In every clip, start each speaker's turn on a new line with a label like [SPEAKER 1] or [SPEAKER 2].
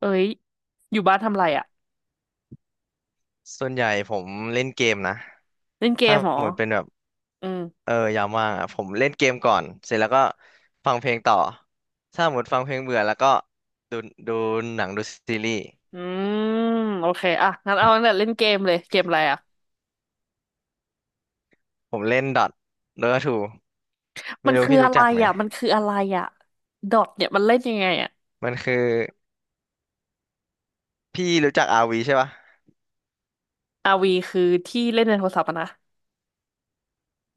[SPEAKER 1] เอ้ยอยู่บ้านทำไรอ่ะ
[SPEAKER 2] ส่วนใหญ่ผมเล่นเกมนะ
[SPEAKER 1] เล่นเก
[SPEAKER 2] ถ้า
[SPEAKER 1] มเหรอ
[SPEAKER 2] เหมือนเป็นแบบ
[SPEAKER 1] อืม
[SPEAKER 2] ยามว่างอ่ะผมเล่นเกมก่อนเสร็จแล้วก็ฟังเพลงต่อ ถ้าหมดฟังเพลงเบื่อแล้วก็ดูดูหนังดูซีรีส์
[SPEAKER 1] อืมโอเคอ่ะงั้นเอาตั้งแต่เล่นเกมเลยเกมอะไรอ่ะ
[SPEAKER 2] ผมเล่นดอทโดทูไม่
[SPEAKER 1] มัน
[SPEAKER 2] รู้
[SPEAKER 1] คือ
[SPEAKER 2] พี่
[SPEAKER 1] อะ
[SPEAKER 2] รู้
[SPEAKER 1] ไร
[SPEAKER 2] จักไหม
[SPEAKER 1] อ่ะมันคืออะไรอ่ะดอทเนี่ยมันเล่นยังไงอ่ะ
[SPEAKER 2] มันคือพี่รู้จักอาร์วีใช่ปะ
[SPEAKER 1] r ีคือที่เล่นในโทรศัพท์อะนะ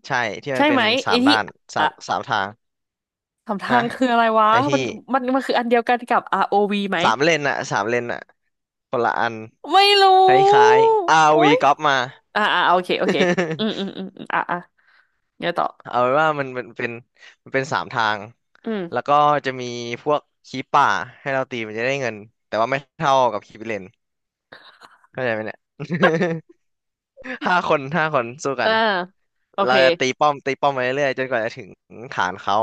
[SPEAKER 2] ใช่ที่มั
[SPEAKER 1] ใช่
[SPEAKER 2] นเป็
[SPEAKER 1] ไห
[SPEAKER 2] น
[SPEAKER 1] ม
[SPEAKER 2] สา
[SPEAKER 1] ไอ้
[SPEAKER 2] ม
[SPEAKER 1] ที่
[SPEAKER 2] ด้านสา
[SPEAKER 1] อ่ะ
[SPEAKER 2] มสามทาง
[SPEAKER 1] สำ
[SPEAKER 2] ฮะ
[SPEAKER 1] ทางคืออะไรวะ
[SPEAKER 2] ไอที่
[SPEAKER 1] มันมันมันคืออันเดียวกันกับ r o ีไหม
[SPEAKER 2] สามเลนอะสามเลนอะคนละอัน
[SPEAKER 1] ไม่รู
[SPEAKER 2] ค
[SPEAKER 1] ้
[SPEAKER 2] ล้ายๆอาร์
[SPEAKER 1] โอ้
[SPEAKER 2] วี
[SPEAKER 1] ย
[SPEAKER 2] ก๊อปมา
[SPEAKER 1] อ่าอ่าโอเคโอเคอืมอื มอืมอมเดี๋ยวต่อ
[SPEAKER 2] เอาเป็นว่ามันเป็นสามทาง
[SPEAKER 1] อื
[SPEAKER 2] แล้ว
[SPEAKER 1] ม
[SPEAKER 2] ก็จะมีพวกคีปป่าให้เราตีมันจะได้เงินแต่ว่าไม่เท่ากับคีปเลนเข้าใจไหมเนี่ย ห้าคนสู้กั
[SPEAKER 1] อ่า
[SPEAKER 2] น
[SPEAKER 1] โอเค
[SPEAKER 2] เราจะตีป้อมตีป้อมไปเรื่อยๆจนกว่าจะถึงฐานเขา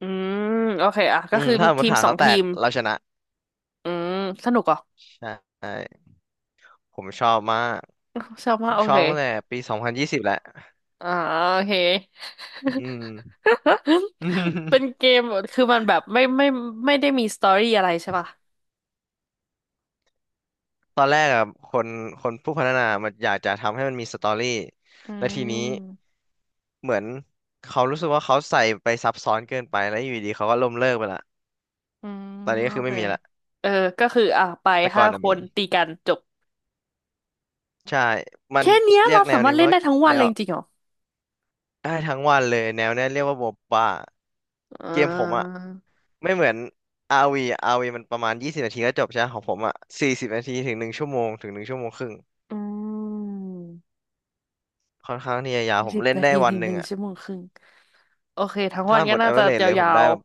[SPEAKER 1] อืมโอเคอ่ะ
[SPEAKER 2] อื
[SPEAKER 1] ก็
[SPEAKER 2] ม
[SPEAKER 1] คือ
[SPEAKER 2] ถ้าสมม
[SPEAKER 1] ที
[SPEAKER 2] ติ
[SPEAKER 1] ม
[SPEAKER 2] ฐาน
[SPEAKER 1] สอ
[SPEAKER 2] เขา
[SPEAKER 1] ง
[SPEAKER 2] แต
[SPEAKER 1] ที
[SPEAKER 2] ก
[SPEAKER 1] ม
[SPEAKER 2] เราชนะ
[SPEAKER 1] อืมสนุกเหรอ
[SPEAKER 2] ใช่ผมชอบมาก
[SPEAKER 1] ชอบ
[SPEAKER 2] ผ
[SPEAKER 1] มาก
[SPEAKER 2] ม
[SPEAKER 1] โอ
[SPEAKER 2] ชอ
[SPEAKER 1] เค
[SPEAKER 2] บตั้งแต่ปี2020แหละ
[SPEAKER 1] อ่าโอเค
[SPEAKER 2] อืม
[SPEAKER 1] เป็น เกมคือมันแบบไม่ได้มีสตอรี่อะไรใช่ป่ะ
[SPEAKER 2] ตอนแรกอะคนคนผู้พัฒนามันอยากจะทำให้มันมีสตอรี่
[SPEAKER 1] อื
[SPEAKER 2] และทีนี้
[SPEAKER 1] ม
[SPEAKER 2] เหมือนเขารู้สึกว่าเขาใส่ไปซับซ้อนเกินไปแล้วอยู่ดีเขาก็ล้มเลิกไปละ
[SPEAKER 1] อืม
[SPEAKER 2] ตอนนี้ก็
[SPEAKER 1] โอ
[SPEAKER 2] คือ
[SPEAKER 1] เค
[SPEAKER 2] ไม่มีละ
[SPEAKER 1] เออก็คืออ่ะไป
[SPEAKER 2] แต่ก่
[SPEAKER 1] ห้า
[SPEAKER 2] อนน่ะ
[SPEAKER 1] ค
[SPEAKER 2] มี
[SPEAKER 1] นตีกันจบ
[SPEAKER 2] ใช่มัน
[SPEAKER 1] แค่เนี้ย
[SPEAKER 2] เรีย
[SPEAKER 1] เรา
[SPEAKER 2] กแน
[SPEAKER 1] สา
[SPEAKER 2] ว
[SPEAKER 1] มารถ
[SPEAKER 2] นี้
[SPEAKER 1] เล่น
[SPEAKER 2] ว่า
[SPEAKER 1] ได้ทั้งวั
[SPEAKER 2] แน
[SPEAKER 1] นเล
[SPEAKER 2] ว
[SPEAKER 1] ยจริงๆเหรอ
[SPEAKER 2] ได้ทั้งวันเลยแนวเนี้ยเรียกว่าโมบ้า
[SPEAKER 1] อ่
[SPEAKER 2] เกมผมอะ
[SPEAKER 1] า
[SPEAKER 2] ไม่เหมือนอาร์วีอาร์วีมันประมาณ20 นาทีก็จบใช่ไหมของผมอะ40 นาทีถึงหนึ่งชั่วโมงถึง1 ชั่วโมงครึ่ง
[SPEAKER 1] อืม
[SPEAKER 2] ค่อนข้างที่จะยาวผม
[SPEAKER 1] สิบ
[SPEAKER 2] เล่น
[SPEAKER 1] นา
[SPEAKER 2] ได้
[SPEAKER 1] ที
[SPEAKER 2] วัน
[SPEAKER 1] ถึง
[SPEAKER 2] ห
[SPEAKER 1] ห
[SPEAKER 2] นึ่ง
[SPEAKER 1] นึ่ง
[SPEAKER 2] อะ
[SPEAKER 1] ชั่วโมงครึ่งโอเคทั้งวั
[SPEAKER 2] ถ้า
[SPEAKER 1] น
[SPEAKER 2] หม
[SPEAKER 1] ก็
[SPEAKER 2] ด
[SPEAKER 1] น่าจะ
[SPEAKER 2] average เลยผ
[SPEAKER 1] ยา
[SPEAKER 2] มได้
[SPEAKER 1] ว
[SPEAKER 2] แบ
[SPEAKER 1] ๆ
[SPEAKER 2] บ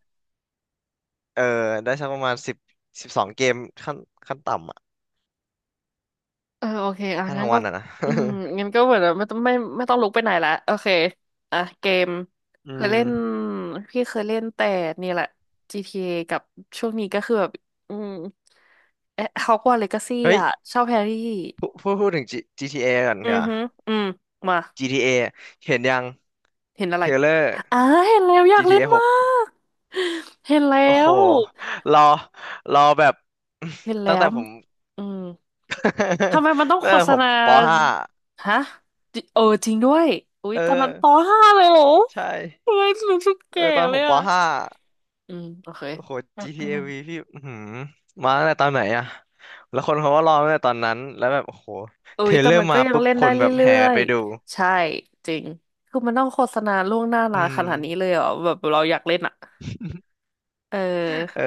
[SPEAKER 2] เออได้สักประมาณสิบ12 เกมขั้นขั้นต่ำอะ
[SPEAKER 1] เออโอเคอ่ะ
[SPEAKER 2] ถ้าทั้
[SPEAKER 1] งั้น
[SPEAKER 2] ง
[SPEAKER 1] ก็
[SPEAKER 2] วันอะนะ
[SPEAKER 1] อืมงั้นก็เหมือนไม่ต้องลุกไปไหนละโอเคอ่ะเกม
[SPEAKER 2] อื
[SPEAKER 1] เคย
[SPEAKER 2] ม
[SPEAKER 1] เล่นพี่เคยเล่นแต่นี่แหละ GTA กับช่วงนี้ก็คือแบบอืมเอ๊ะฮอกวอตส์เลกาซี่
[SPEAKER 2] เฮ้ย
[SPEAKER 1] อ่ะเช่าแฮร์รี่
[SPEAKER 2] พูดถึง G- t a ก่อน
[SPEAKER 1] อื
[SPEAKER 2] เนีก่
[SPEAKER 1] อ
[SPEAKER 2] ย
[SPEAKER 1] ฮือืมมา
[SPEAKER 2] GTA เอเห็นยัง
[SPEAKER 1] เห็นอะ
[SPEAKER 2] เท
[SPEAKER 1] ไร
[SPEAKER 2] รลเลอร์
[SPEAKER 1] อ่าเห็นแล้วอยาก
[SPEAKER 2] GTA
[SPEAKER 1] เล่
[SPEAKER 2] ห
[SPEAKER 1] นมา
[SPEAKER 2] ก
[SPEAKER 1] กเห็นแล้
[SPEAKER 2] โอ้โห
[SPEAKER 1] ว
[SPEAKER 2] รอรอแบบ
[SPEAKER 1] เห็น แล้
[SPEAKER 2] ตั้งแต่
[SPEAKER 1] ว
[SPEAKER 2] ผม
[SPEAKER 1] อืมทำไมมันต้อ ง
[SPEAKER 2] ตั้ง
[SPEAKER 1] โฆ
[SPEAKER 2] แต่
[SPEAKER 1] ษ
[SPEAKER 2] ผม
[SPEAKER 1] ณา
[SPEAKER 2] ปห้า
[SPEAKER 1] ฮะจิเออจริงด้วยอุ๊ย
[SPEAKER 2] เออ
[SPEAKER 1] ตอนนั้นปห้าเลยเหรอ
[SPEAKER 2] ใช่
[SPEAKER 1] ทำไมรู้สึกแก่
[SPEAKER 2] ตอน
[SPEAKER 1] เล
[SPEAKER 2] ผ
[SPEAKER 1] ย
[SPEAKER 2] มป
[SPEAKER 1] อ่ะ
[SPEAKER 2] ห้า
[SPEAKER 1] อืมโอเค
[SPEAKER 2] โอ้โห
[SPEAKER 1] อืม
[SPEAKER 2] GTA
[SPEAKER 1] อืม
[SPEAKER 2] V พี่อื้อหือมาตั้งแต่ตอนไหนอะแล้วคนเขาก็รอตั้งแต่ตอนนั้นแล้วแบบโอ้โห
[SPEAKER 1] อุ๊
[SPEAKER 2] เทร
[SPEAKER 1] ย
[SPEAKER 2] ล
[SPEAKER 1] แต่
[SPEAKER 2] เลอร์
[SPEAKER 1] มันก็
[SPEAKER 2] มา
[SPEAKER 1] ยัง
[SPEAKER 2] ปุ๊บ
[SPEAKER 1] เล่น
[SPEAKER 2] ค
[SPEAKER 1] ได้
[SPEAKER 2] น
[SPEAKER 1] เร
[SPEAKER 2] แบบ
[SPEAKER 1] ื่
[SPEAKER 2] แห่
[SPEAKER 1] อ
[SPEAKER 2] กันไป
[SPEAKER 1] ย
[SPEAKER 2] ดู
[SPEAKER 1] ๆใช่จริงคือมันต้องโฆษณาล่วงหน้า
[SPEAKER 2] อื
[SPEAKER 1] นานข
[SPEAKER 2] ม
[SPEAKER 1] นาดนี้เลยเหรอแบบเราอยากเล่นอ่ะเ
[SPEAKER 2] เอ
[SPEAKER 1] ออ
[SPEAKER 2] อ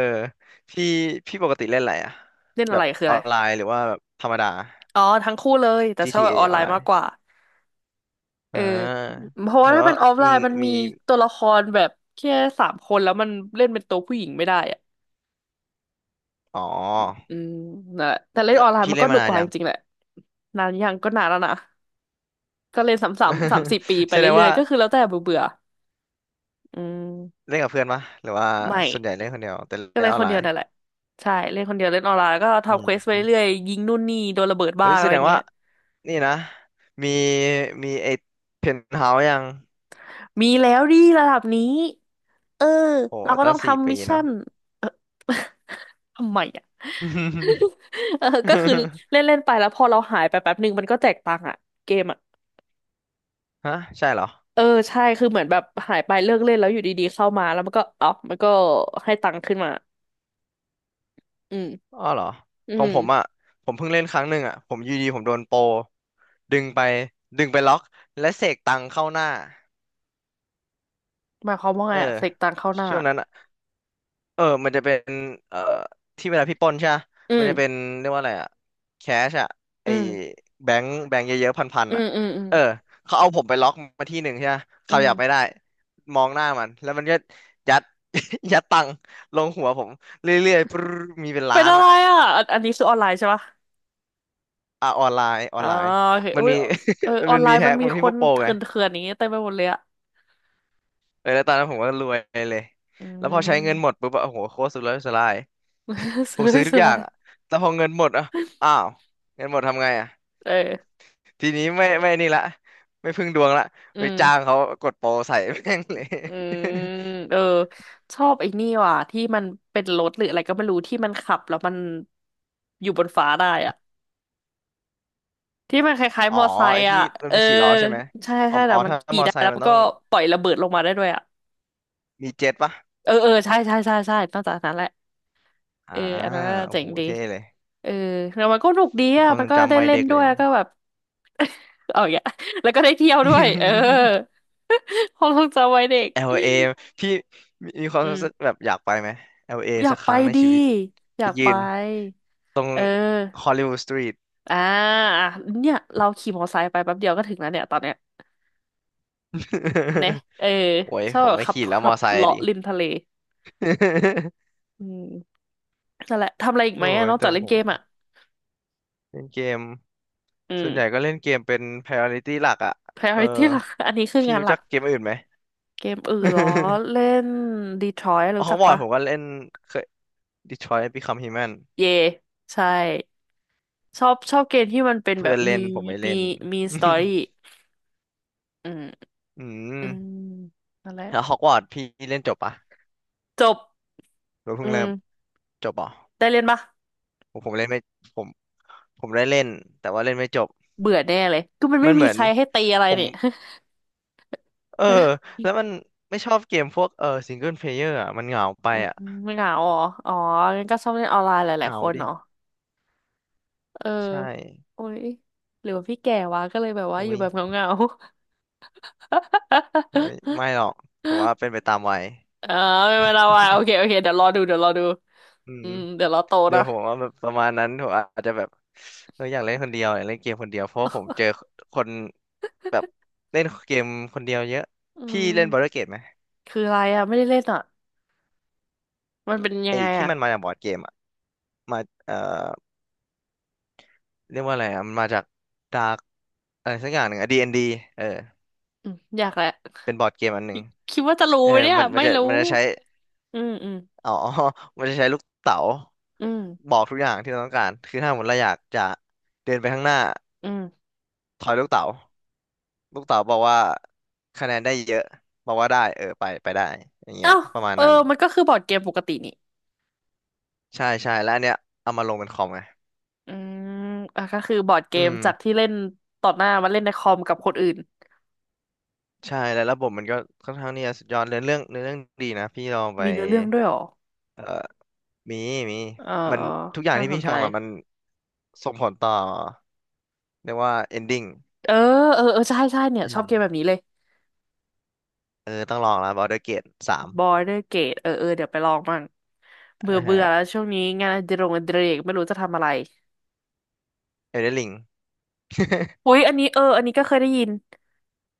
[SPEAKER 2] พี่พี่ปกติเล่นอะไรอะ
[SPEAKER 1] เล่น
[SPEAKER 2] แบ
[SPEAKER 1] อะไร
[SPEAKER 2] บ
[SPEAKER 1] คือ
[SPEAKER 2] อ
[SPEAKER 1] อะ
[SPEAKER 2] อ
[SPEAKER 1] ไร
[SPEAKER 2] นไลน์หรือว่าแบบธรรมดา
[SPEAKER 1] อ๋อทั้งคู่เลยแต่ชอบแบ
[SPEAKER 2] GTA
[SPEAKER 1] บ
[SPEAKER 2] อ
[SPEAKER 1] ออน
[SPEAKER 2] ออ
[SPEAKER 1] ไล
[SPEAKER 2] นไล
[SPEAKER 1] น์มาก
[SPEAKER 2] น์
[SPEAKER 1] กว่า เอ
[SPEAKER 2] อ่
[SPEAKER 1] อ
[SPEAKER 2] า
[SPEAKER 1] เพราะ
[SPEAKER 2] แส
[SPEAKER 1] ว่า
[SPEAKER 2] ดง
[SPEAKER 1] ถ้าเป็
[SPEAKER 2] ว่า
[SPEAKER 1] นออฟไล
[SPEAKER 2] มี
[SPEAKER 1] น์มันมี
[SPEAKER 2] มี
[SPEAKER 1] ตัวละครแบบแค่สามคนแล้วมันเล่นเป็นตัวผู้หญิงไม่ได้อ่ะ
[SPEAKER 2] อ๋อ
[SPEAKER 1] อืมนั่นแหละแต่เล่น
[SPEAKER 2] แล้
[SPEAKER 1] อ
[SPEAKER 2] ว
[SPEAKER 1] อนไลน์
[SPEAKER 2] พี่
[SPEAKER 1] มัน
[SPEAKER 2] เล่
[SPEAKER 1] ก็
[SPEAKER 2] น
[SPEAKER 1] ห
[SPEAKER 2] มา
[SPEAKER 1] นุก
[SPEAKER 2] นา
[SPEAKER 1] ก
[SPEAKER 2] น
[SPEAKER 1] ว่า
[SPEAKER 2] ยั
[SPEAKER 1] จ
[SPEAKER 2] ง
[SPEAKER 1] ริงๆแหละนานยังก็นานแล้วนะก็เล่นสามสี่ปี ไป
[SPEAKER 2] แสดง
[SPEAKER 1] เรื่อ
[SPEAKER 2] ว่า
[SPEAKER 1] ยๆก็คือแล้วแต่เบื่อเบื่ออืม
[SPEAKER 2] เล่นกับเพื่อนปะหรือว่า
[SPEAKER 1] ไม่
[SPEAKER 2] ส่วนใหญ่เล่นคนเดียวแต่
[SPEAKER 1] ก็
[SPEAKER 2] เล่น
[SPEAKER 1] เล่
[SPEAKER 2] อ
[SPEAKER 1] น
[SPEAKER 2] อน
[SPEAKER 1] คน
[SPEAKER 2] ไล
[SPEAKER 1] เดียว
[SPEAKER 2] น์
[SPEAKER 1] นั่นแหละใช่เล่นคนเดียวเล่นออนไลน์แล้วก็
[SPEAKER 2] อื
[SPEAKER 1] ทำเควสไป
[SPEAKER 2] ม
[SPEAKER 1] เรื่อยๆยิงนู่นนี่โดนระเบิด
[SPEAKER 2] เฮ้
[SPEAKER 1] บ้า
[SPEAKER 2] ย
[SPEAKER 1] ง
[SPEAKER 2] แส
[SPEAKER 1] อะไร
[SPEAKER 2] ดง
[SPEAKER 1] เงี้
[SPEAKER 2] ว่า
[SPEAKER 1] ย
[SPEAKER 2] นี่นะมีมีไอ้เพนท์เฮาส์ยัง
[SPEAKER 1] มีแล้วดิระดับนี้เออ
[SPEAKER 2] โอ้
[SPEAKER 1] เราก็
[SPEAKER 2] ตั้
[SPEAKER 1] ต้อ
[SPEAKER 2] ง
[SPEAKER 1] ง
[SPEAKER 2] สี่
[SPEAKER 1] ทำ
[SPEAKER 2] ปี
[SPEAKER 1] มิชชั่
[SPEAKER 2] เนาะ
[SPEAKER 1] นเออ ทำไมอ่ะ เออก็คือเล่นเล่นไปแล้วพอเราหายไปแป๊บหนึ่งมันก็แจกตังค์อ่ะเกมอ่ะ
[SPEAKER 2] ฮะใช่เหรอ
[SPEAKER 1] เออใช่คือเหมือนแบบหายไปเลิกเล่นแล้วอยู่ดีๆเข้ามาแล้วมันก็อ๋อมันก็ให้ตังค์ขึ้นมาอืม
[SPEAKER 2] อ้อเหรอ
[SPEAKER 1] อื
[SPEAKER 2] ของผมอ่ะ
[SPEAKER 1] ม
[SPEAKER 2] ผมเพิ่งเล่นครั้งหนึ่งอ่ะผมอยูดีผมโดนโปรดึงไปดึงไปล็อกและเสกตังเข้าหน้า
[SPEAKER 1] หมายความว่า
[SPEAKER 2] เอ
[SPEAKER 1] ไง
[SPEAKER 2] อ
[SPEAKER 1] อ่ะเสกตังค์เข้าหน้า
[SPEAKER 2] ช่วงนั้นอะเออมันจะเป็นเอ่อที่เวลาพี่ปล้นใช่ปะ
[SPEAKER 1] อื
[SPEAKER 2] มันจะเป็น
[SPEAKER 1] ม
[SPEAKER 2] เรียกว่าอะไรอะแคชอะไอ
[SPEAKER 1] อืม
[SPEAKER 2] แบงค์แบงค์เยอะๆพัน
[SPEAKER 1] อื
[SPEAKER 2] ๆอะ
[SPEAKER 1] มอืมอืม
[SPEAKER 2] เออเขาเอาผมไปล็อกมาที่หนึ่งใช่ปะ
[SPEAKER 1] อื
[SPEAKER 2] เขาอยากไม่
[SPEAKER 1] ม
[SPEAKER 2] ได้มองหน้ามันแล้วมันก็ยัด ยัดตังค์ลงหัวผมเรื่อยๆปรึ๊ดมีเป็นล้า
[SPEAKER 1] เป็น
[SPEAKER 2] น
[SPEAKER 1] อะไร
[SPEAKER 2] อะ
[SPEAKER 1] อ่ะอันอันนี้คือออนไลน์ใช่ปะ
[SPEAKER 2] อ่ะออนไลน์ออ
[SPEAKER 1] อ๋
[SPEAKER 2] น
[SPEAKER 1] อ
[SPEAKER 2] ไลน์
[SPEAKER 1] โอเค
[SPEAKER 2] มัน
[SPEAKER 1] อุ้ย
[SPEAKER 2] มี
[SPEAKER 1] เอออ อ
[SPEAKER 2] มั
[SPEAKER 1] น
[SPEAKER 2] น
[SPEAKER 1] ไล
[SPEAKER 2] มี
[SPEAKER 1] น์
[SPEAKER 2] แฮ
[SPEAKER 1] มัน
[SPEAKER 2] ก
[SPEAKER 1] มี
[SPEAKER 2] มันมี
[SPEAKER 1] ค
[SPEAKER 2] พว
[SPEAKER 1] น
[SPEAKER 2] กโปร
[SPEAKER 1] เถ
[SPEAKER 2] ไง
[SPEAKER 1] ื่อนๆอย่างนี้เต็มไปหมดเลยอ่ะ
[SPEAKER 2] เออแล้วตอนนั้นผมก็รวยเลย
[SPEAKER 1] อื
[SPEAKER 2] แล้วพอใช้เงินหมด
[SPEAKER 1] ม
[SPEAKER 2] ปุ๊บอะโอ้โหโคตรสุดเลยสุดลาย
[SPEAKER 1] สุ
[SPEAKER 2] ผ
[SPEAKER 1] ด
[SPEAKER 2] ม
[SPEAKER 1] เล
[SPEAKER 2] ซื้อ
[SPEAKER 1] ย
[SPEAKER 2] ทุก
[SPEAKER 1] สุด
[SPEAKER 2] อ
[SPEAKER 1] เล
[SPEAKER 2] ย่าง
[SPEAKER 1] ย
[SPEAKER 2] อ่ะแต่พอเงินหมดอ่ะอ้าว เงินหมดทำไงอ่ะ
[SPEAKER 1] เออ
[SPEAKER 2] ทีนี้ไม่นี่ละไม่พึ่งดวงละ
[SPEAKER 1] อื
[SPEAKER 2] ไปจ้าง
[SPEAKER 1] ม
[SPEAKER 2] เขากดโปรใส่ แม่งเลย
[SPEAKER 1] อืมเออชอบไอ้นี่ว่ะที่มันเป็นรถหรืออะไรก็ไม่รู้ที่มันขับแล้วมันอยู่บนฟ้าได้อะที่มันคล้าย
[SPEAKER 2] อ๋อ
[SPEAKER 1] ๆมอไซ
[SPEAKER 2] ไอ้
[SPEAKER 1] ค์
[SPEAKER 2] ที่
[SPEAKER 1] อ่ะ
[SPEAKER 2] มัน
[SPEAKER 1] เออ
[SPEAKER 2] มีสี่ล้อใช่ไหม
[SPEAKER 1] ใช่
[SPEAKER 2] อ๋อ
[SPEAKER 1] ใช่แต่
[SPEAKER 2] อ๋อ
[SPEAKER 1] มัน
[SPEAKER 2] ถ้า
[SPEAKER 1] ขี่
[SPEAKER 2] มอ
[SPEAKER 1] ได้
[SPEAKER 2] ไซ
[SPEAKER 1] แล้
[SPEAKER 2] ค์
[SPEAKER 1] ว
[SPEAKER 2] มัน
[SPEAKER 1] มัน
[SPEAKER 2] ต้อ
[SPEAKER 1] ก็
[SPEAKER 2] ง
[SPEAKER 1] ปล่อยระเบิดลงมาได้ด้วยอ่ะ
[SPEAKER 2] มีเจ็ตปะ
[SPEAKER 1] เออเออใช่ใช่ใช่ใช่นอกจากนั้นแหละ
[SPEAKER 2] อ่า
[SPEAKER 1] เอออันนั้นน่ะ
[SPEAKER 2] โอ้
[SPEAKER 1] เจ๋
[SPEAKER 2] โห
[SPEAKER 1] งดี
[SPEAKER 2] เท่เลย
[SPEAKER 1] เออแล้วมันก็สนุกดี
[SPEAKER 2] ผมค
[SPEAKER 1] อ่ะ
[SPEAKER 2] วาม
[SPEAKER 1] มั
[SPEAKER 2] ท
[SPEAKER 1] น
[SPEAKER 2] รง
[SPEAKER 1] ก็ได้
[SPEAKER 2] จำวัย
[SPEAKER 1] เล่น
[SPEAKER 2] เด็ก
[SPEAKER 1] ด้
[SPEAKER 2] เล
[SPEAKER 1] วย
[SPEAKER 2] ย
[SPEAKER 1] แล้วก็แบบเอาอย่างเงี้ย แล้วก็ได้เที่ยวด้วยเออ ความทรงจำวัยเด็ก
[SPEAKER 2] LA พี่มีความ
[SPEAKER 1] อื
[SPEAKER 2] รู้สึก
[SPEAKER 1] ม
[SPEAKER 2] แบบอยากไปไหม LA
[SPEAKER 1] อยา
[SPEAKER 2] สั
[SPEAKER 1] ก
[SPEAKER 2] กค
[SPEAKER 1] ไป
[SPEAKER 2] รั้งใน
[SPEAKER 1] ดี
[SPEAKER 2] ชีวิต
[SPEAKER 1] อ
[SPEAKER 2] ไป
[SPEAKER 1] ยาก
[SPEAKER 2] ยื
[SPEAKER 1] ไป
[SPEAKER 2] น
[SPEAKER 1] เออ
[SPEAKER 2] Hollywood Street
[SPEAKER 1] อ่าอ่ะเนี่ยเราขี่มอเตอร์ไซค์ไปแป๊บเดียวก็ถึงแล้วเนี่ยตอนเนี้ยเนะ เออ
[SPEAKER 2] โอ้ย
[SPEAKER 1] ชอบ
[SPEAKER 2] ผม
[SPEAKER 1] แบบ
[SPEAKER 2] ไม่
[SPEAKER 1] ขับ
[SPEAKER 2] ขี่แล้ว
[SPEAKER 1] ขั
[SPEAKER 2] มอ
[SPEAKER 1] บ
[SPEAKER 2] ไซค์อะ
[SPEAKER 1] เลาะ
[SPEAKER 2] ดิ
[SPEAKER 1] ริมทะเล อืมนั่นแหละทำอะไรอีก
[SPEAKER 2] โอ้
[SPEAKER 1] ไหมอะ
[SPEAKER 2] ย
[SPEAKER 1] นอก
[SPEAKER 2] แต่
[SPEAKER 1] จากเล่น
[SPEAKER 2] โห
[SPEAKER 1] เกมอ่ะ
[SPEAKER 2] เล่นเกม
[SPEAKER 1] อื
[SPEAKER 2] ส่
[SPEAKER 1] ม
[SPEAKER 2] วนใหญ่ก็เล่นเกมเป็น priority หลักอ่ะเอ
[SPEAKER 1] priority
[SPEAKER 2] อ
[SPEAKER 1] หลัก อันนี้คือ
[SPEAKER 2] พี่
[SPEAKER 1] งาน
[SPEAKER 2] รู้
[SPEAKER 1] หลั
[SPEAKER 2] จั
[SPEAKER 1] ก
[SPEAKER 2] กเกมอื่นไหม
[SPEAKER 1] เกมอื่นเหรอเล่ น Detroit
[SPEAKER 2] อ๋อ
[SPEAKER 1] รู้
[SPEAKER 2] ขอ
[SPEAKER 1] จั
[SPEAKER 2] ง
[SPEAKER 1] ก
[SPEAKER 2] บอร์ด
[SPEAKER 1] ปะ
[SPEAKER 2] ผมก็เล่นเคย Detroit Become Human
[SPEAKER 1] เย่ใช่ชอบชอบเกมที่มันเป็นแบ
[SPEAKER 2] เพื่อ
[SPEAKER 1] บ
[SPEAKER 2] นเล่นผมไม่เล่
[SPEAKER 1] มี
[SPEAKER 2] น
[SPEAKER 1] มีสตอ รี่อืม
[SPEAKER 2] อื
[SPEAKER 1] อื
[SPEAKER 2] ม
[SPEAKER 1] มนั่นแหละ
[SPEAKER 2] แล้วฮอกวอตส์พี่เล่นจบปะ
[SPEAKER 1] จบ
[SPEAKER 2] หรือ
[SPEAKER 1] อื
[SPEAKER 2] เพิ่งเริ่ม
[SPEAKER 1] ม
[SPEAKER 2] จบปะ
[SPEAKER 1] ได้เล่นปะ
[SPEAKER 2] ผมเล่นไม่ผมผมได้เล่นแต่ว่าเล่นไม่จบ
[SPEAKER 1] เบื่อแน่เลยก็มันไม่
[SPEAKER 2] มันเห
[SPEAKER 1] มี
[SPEAKER 2] มือ
[SPEAKER 1] ใค
[SPEAKER 2] น
[SPEAKER 1] รให้ตีอะไร
[SPEAKER 2] ผม
[SPEAKER 1] นี่
[SPEAKER 2] เออแล้วมั นไม่ชอบเกมพวกซิงเกิลเพลเยอร์อ่ะมันเหงาไป
[SPEAKER 1] อืม
[SPEAKER 2] อ่ะ
[SPEAKER 1] ไม่เหงาเหรออ๋องั้นก็ชอบเล่นออนไลน์ห
[SPEAKER 2] เห
[SPEAKER 1] ลาย
[SPEAKER 2] งา
[SPEAKER 1] ๆคน
[SPEAKER 2] ดิ
[SPEAKER 1] เนาะเออ
[SPEAKER 2] ใช่
[SPEAKER 1] โอ้ยหรือว่าพี่แก่วะก็เลยแบบว่าอ
[SPEAKER 2] โอ้
[SPEAKER 1] ยู่
[SPEAKER 2] ย
[SPEAKER 1] แบบเหงา
[SPEAKER 2] เฮ้ยไม่หรอกผมว่าเป็นไปตามวัย
[SPEAKER 1] ๆ เออไม่เป็นไรวะโอเคโอเคเดี๋ยวรอดูเดี๋ยวรอดู
[SPEAKER 2] อื
[SPEAKER 1] อื
[SPEAKER 2] ม
[SPEAKER 1] มเดี๋ยวรอโต
[SPEAKER 2] เดี๋ย
[SPEAKER 1] นะ
[SPEAKER 2] วผมว่าแบบประมาณนั้นผมอาจจะแบบอยากเล่นคนเดียวอยากเล่นเกมคนเดียวเพราะว่าผมเจอคนแบบเล่นเกมคนเดียวเยอะ
[SPEAKER 1] อื
[SPEAKER 2] พี่
[SPEAKER 1] ม
[SPEAKER 2] เล่นบอร์ดเกมไหม
[SPEAKER 1] คืออะไรอ่ะไม่ได้เล่นอ่ะมันเป็นยั
[SPEAKER 2] ไอ้
[SPEAKER 1] งไง
[SPEAKER 2] ที่
[SPEAKER 1] อ่ะ
[SPEAKER 2] มันมาจากบอร์ดเกมอ่ะมาเอ่อเรียกว่าอะไรอ่ะมันมาจากดาร์กอะไรสักอย่างหนึ่งอะดีเอ็นดีเออ
[SPEAKER 1] อืมอยากแหละ
[SPEAKER 2] เป็นบอร์ดเกมอันหนึ่ง
[SPEAKER 1] คิดว่าจะรู้
[SPEAKER 2] เออ
[SPEAKER 1] ไหมเนี่ย
[SPEAKER 2] มันมัน
[SPEAKER 1] ไม่
[SPEAKER 2] จะ
[SPEAKER 1] รู้
[SPEAKER 2] มันจะใช้
[SPEAKER 1] อืมอืม
[SPEAKER 2] อ๋อ มันจะใช้ลูกเต๋า
[SPEAKER 1] อืม
[SPEAKER 2] บอกทุกอย่างที่เราต้องการคือถ้าสมมติเราอยากจะเดินไปข้างหน้า
[SPEAKER 1] อืม
[SPEAKER 2] ถอยลูกเต๋า ลูกเต๋าบอกว่าคะแนนได้เยอะบอกว่าได้ไปไปได้อย่างเงี้
[SPEAKER 1] เอ้า
[SPEAKER 2] ยประมาณ
[SPEAKER 1] เออ
[SPEAKER 2] นั้น
[SPEAKER 1] มันก็คือบอร์ดเกมปกตินี่
[SPEAKER 2] ใช่ใช่แล้วอันเนี้ยเอามาลงเป็นคอมไง
[SPEAKER 1] อืมอ่ะก็คือบอร์ดเก
[SPEAKER 2] อื
[SPEAKER 1] ม
[SPEAKER 2] ม
[SPEAKER 1] จากที่เล่นต่อหน้ามาเล่นในคอมกับคนอื่น
[SPEAKER 2] ใช่แล้วระบบมันก็ค่อนข้างที่จะสุดยอดเรื่องเนื้อเรื่องดีนะพี่ลองไป
[SPEAKER 1] มีเนื้อเรื่องด้วยเหรอ
[SPEAKER 2] มีมี
[SPEAKER 1] เออ
[SPEAKER 2] มั
[SPEAKER 1] เอ
[SPEAKER 2] น
[SPEAKER 1] อ
[SPEAKER 2] ทุกอย่าง
[SPEAKER 1] น่า
[SPEAKER 2] ที่
[SPEAKER 1] ส
[SPEAKER 2] พี่
[SPEAKER 1] นใจ
[SPEAKER 2] ทำอ่ะส่งผลต่อเรียกว่า ending
[SPEAKER 1] เออเออเออใช่ใช่เนี่ย
[SPEAKER 2] อื
[SPEAKER 1] ชอบ
[SPEAKER 2] ม
[SPEAKER 1] เกมแบบนี้เลย
[SPEAKER 2] เออต้องลองแล้ว Baldur's Gate 3
[SPEAKER 1] Border Gate เออเออเดี๋ยวไปลองมั่งเบื่
[SPEAKER 2] อ่า
[SPEAKER 1] อเบื่อแล้ว
[SPEAKER 2] ฮะ
[SPEAKER 1] ช่วงนี้งานอดิเรกไม่รู้จะทำอะไร
[SPEAKER 2] Elden Ring
[SPEAKER 1] อุ้ยอันนี้เอออันนี้ก็เคยได้ยิน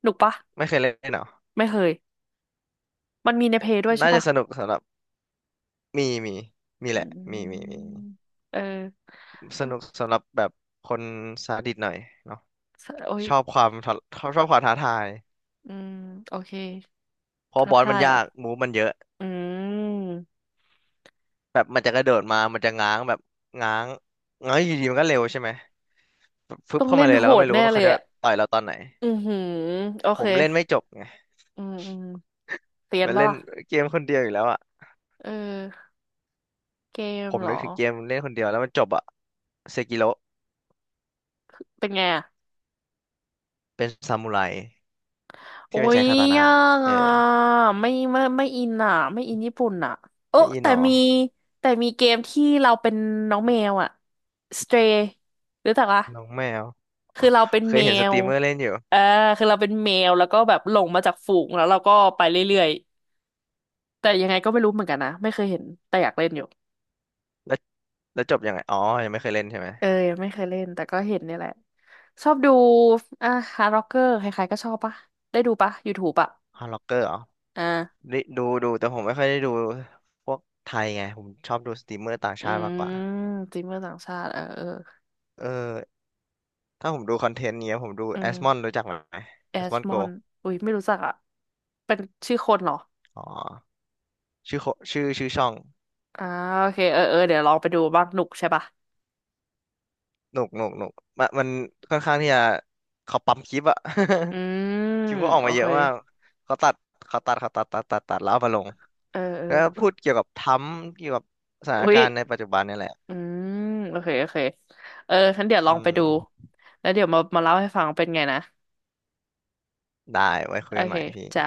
[SPEAKER 1] หนุกปะ
[SPEAKER 2] ไม่เคยเล่นเหรอ
[SPEAKER 1] ไม่เคยมันมีในเพย์ด้วยใช่
[SPEAKER 2] น่าจะ
[SPEAKER 1] ปะ
[SPEAKER 2] สนุกสำหรับมีมีมี
[SPEAKER 1] อื
[SPEAKER 2] แหละมีมีมี
[SPEAKER 1] มเออ
[SPEAKER 2] สนุกสำหรับแบบคนซาดิสหน่อยเนาะ
[SPEAKER 1] โอ้ย
[SPEAKER 2] ชอบความท้าชอบความท้าทาย
[SPEAKER 1] อืมโอเค
[SPEAKER 2] เพราะ
[SPEAKER 1] ท้า
[SPEAKER 2] บอส
[SPEAKER 1] ทา
[SPEAKER 2] มัน
[SPEAKER 1] ย
[SPEAKER 2] ยา
[SPEAKER 1] อ่ะ
[SPEAKER 2] กมูฟมันเยอะ
[SPEAKER 1] อืม
[SPEAKER 2] แบบมันจะกระโดดมามันจะง้างแบบง้างง้างอยู่ดีมันก็เร็วใช่ไหมฟึบ
[SPEAKER 1] ต้อง
[SPEAKER 2] เข้า
[SPEAKER 1] เล่
[SPEAKER 2] มา
[SPEAKER 1] น
[SPEAKER 2] เลย
[SPEAKER 1] โห
[SPEAKER 2] แล้วก็
[SPEAKER 1] ด
[SPEAKER 2] ไม่รู้
[SPEAKER 1] แน่
[SPEAKER 2] ว่า
[SPEAKER 1] เล
[SPEAKER 2] เขา
[SPEAKER 1] ย
[SPEAKER 2] จะ
[SPEAKER 1] อ่ะ
[SPEAKER 2] ต่อยเราตอนไหน
[SPEAKER 1] อือหือโอ
[SPEAKER 2] ผ
[SPEAKER 1] เค
[SPEAKER 2] มเล่นไม่จบไง
[SPEAKER 1] อืมอืมเตียน
[SPEAKER 2] มัน
[SPEAKER 1] ปะ
[SPEAKER 2] เล่น
[SPEAKER 1] ล่ะ
[SPEAKER 2] เกมคนเดียวอยู่แล้วอ่ะ
[SPEAKER 1] เออเกม
[SPEAKER 2] ผม
[SPEAKER 1] เหร
[SPEAKER 2] นึ
[SPEAKER 1] อ
[SPEAKER 2] กถึงเกมเล่นคนเดียวแล้วมันจบอ่ะเซกิโร
[SPEAKER 1] เป็นไงอ่ะ
[SPEAKER 2] เป็นซามูไร
[SPEAKER 1] โอ้
[SPEAKER 2] ที่มัน
[SPEAKER 1] ย
[SPEAKER 2] ใช้คาตานะ
[SPEAKER 1] ยาก
[SPEAKER 2] เออ
[SPEAKER 1] อ่ะไม่อินอ่ะไม่อินญี่ปุ่นอ่ะโอ้
[SPEAKER 2] ไม่อีห
[SPEAKER 1] แต่
[SPEAKER 2] นอ
[SPEAKER 1] มีแต่มีเกมที่เราเป็นน้องแมวอ่ะ Stray รู้จักปะ
[SPEAKER 2] น้องแมว
[SPEAKER 1] คือเราเป็น
[SPEAKER 2] เคย
[SPEAKER 1] แม
[SPEAKER 2] เห็นสต
[SPEAKER 1] ว
[SPEAKER 2] รีมเมอร์เล่นอยู่
[SPEAKER 1] เออคือเราเป็นแมวแล้วก็แบบหลงมาจากฝูงแล้วเราก็ไปเรื่อยๆแต่ยังไงก็ไม่รู้เหมือนกันนะไม่เคยเห็นแต่อยากเล่นอยู่
[SPEAKER 2] แล้วจบยังไงอ๋อยังไม่เคยเล่นใช่ไหม
[SPEAKER 1] เออยังไม่เคยเล่นแต่ก็เห็นเนี่ยแหละชอบดูอ่ะฮาร์ดร็อกเกอร์ใครๆก็ชอบปะได้ดูปะ YouTube อะ
[SPEAKER 2] ฮอลล็อกเกอร์เหรอ
[SPEAKER 1] อ่า
[SPEAKER 2] นี่ดูดูแต่ผมไม่ค่อยได้ดูพวกไทยไงผมชอบดูสตรีมเมอร์ต่าง
[SPEAKER 1] อื
[SPEAKER 2] ชาติมากกว่า
[SPEAKER 1] มจิมเมอร์ต่างชาติเออเออ
[SPEAKER 2] เออถ้าผมดูคอนเทนต์เนี้ยผมดู
[SPEAKER 1] อื
[SPEAKER 2] แอสมอน
[SPEAKER 1] ม
[SPEAKER 2] รู้จักไหม
[SPEAKER 1] แอ
[SPEAKER 2] แอสม
[SPEAKER 1] ส
[SPEAKER 2] อน
[SPEAKER 1] ม
[SPEAKER 2] โก
[SPEAKER 1] อนอุ้ยไม่รู้จักอะเป็นชื่อคนเหรอ
[SPEAKER 2] อ๋อชื่อโคชื่อช่อง
[SPEAKER 1] อ่าโอเคเออเออเดี๋ยวลองไปดูบ้างหนุกใช่ปะ
[SPEAKER 2] หนุกหนุกหนุกมันมันค่อนข้างที่จะเขาปั๊มคลิปอะ
[SPEAKER 1] อื ม
[SPEAKER 2] คลิปเขาออก
[SPEAKER 1] โอ
[SPEAKER 2] มาเย
[SPEAKER 1] เค
[SPEAKER 2] อะมากเขาตัดเขาตัดแล้วเอามาลง
[SPEAKER 1] เออเอ
[SPEAKER 2] แล้ว
[SPEAKER 1] อ
[SPEAKER 2] พูดเกี่ยวกับทรัมป์เกี่ยวกับสถาน
[SPEAKER 1] อุ้ย
[SPEAKER 2] การณ์ในปัจจุบันนี่แหละ
[SPEAKER 1] อืมโอเคโอเคเออฉันเดี๋ยวลอ
[SPEAKER 2] อื
[SPEAKER 1] งไปดู
[SPEAKER 2] ม
[SPEAKER 1] แล้วเดี๋ยวมามาเล่าให้ฟังเป็นไงนะ
[SPEAKER 2] ได้ไว้คุ
[SPEAKER 1] โอ
[SPEAKER 2] ยกันให
[SPEAKER 1] เค
[SPEAKER 2] ม่พี่
[SPEAKER 1] จ้า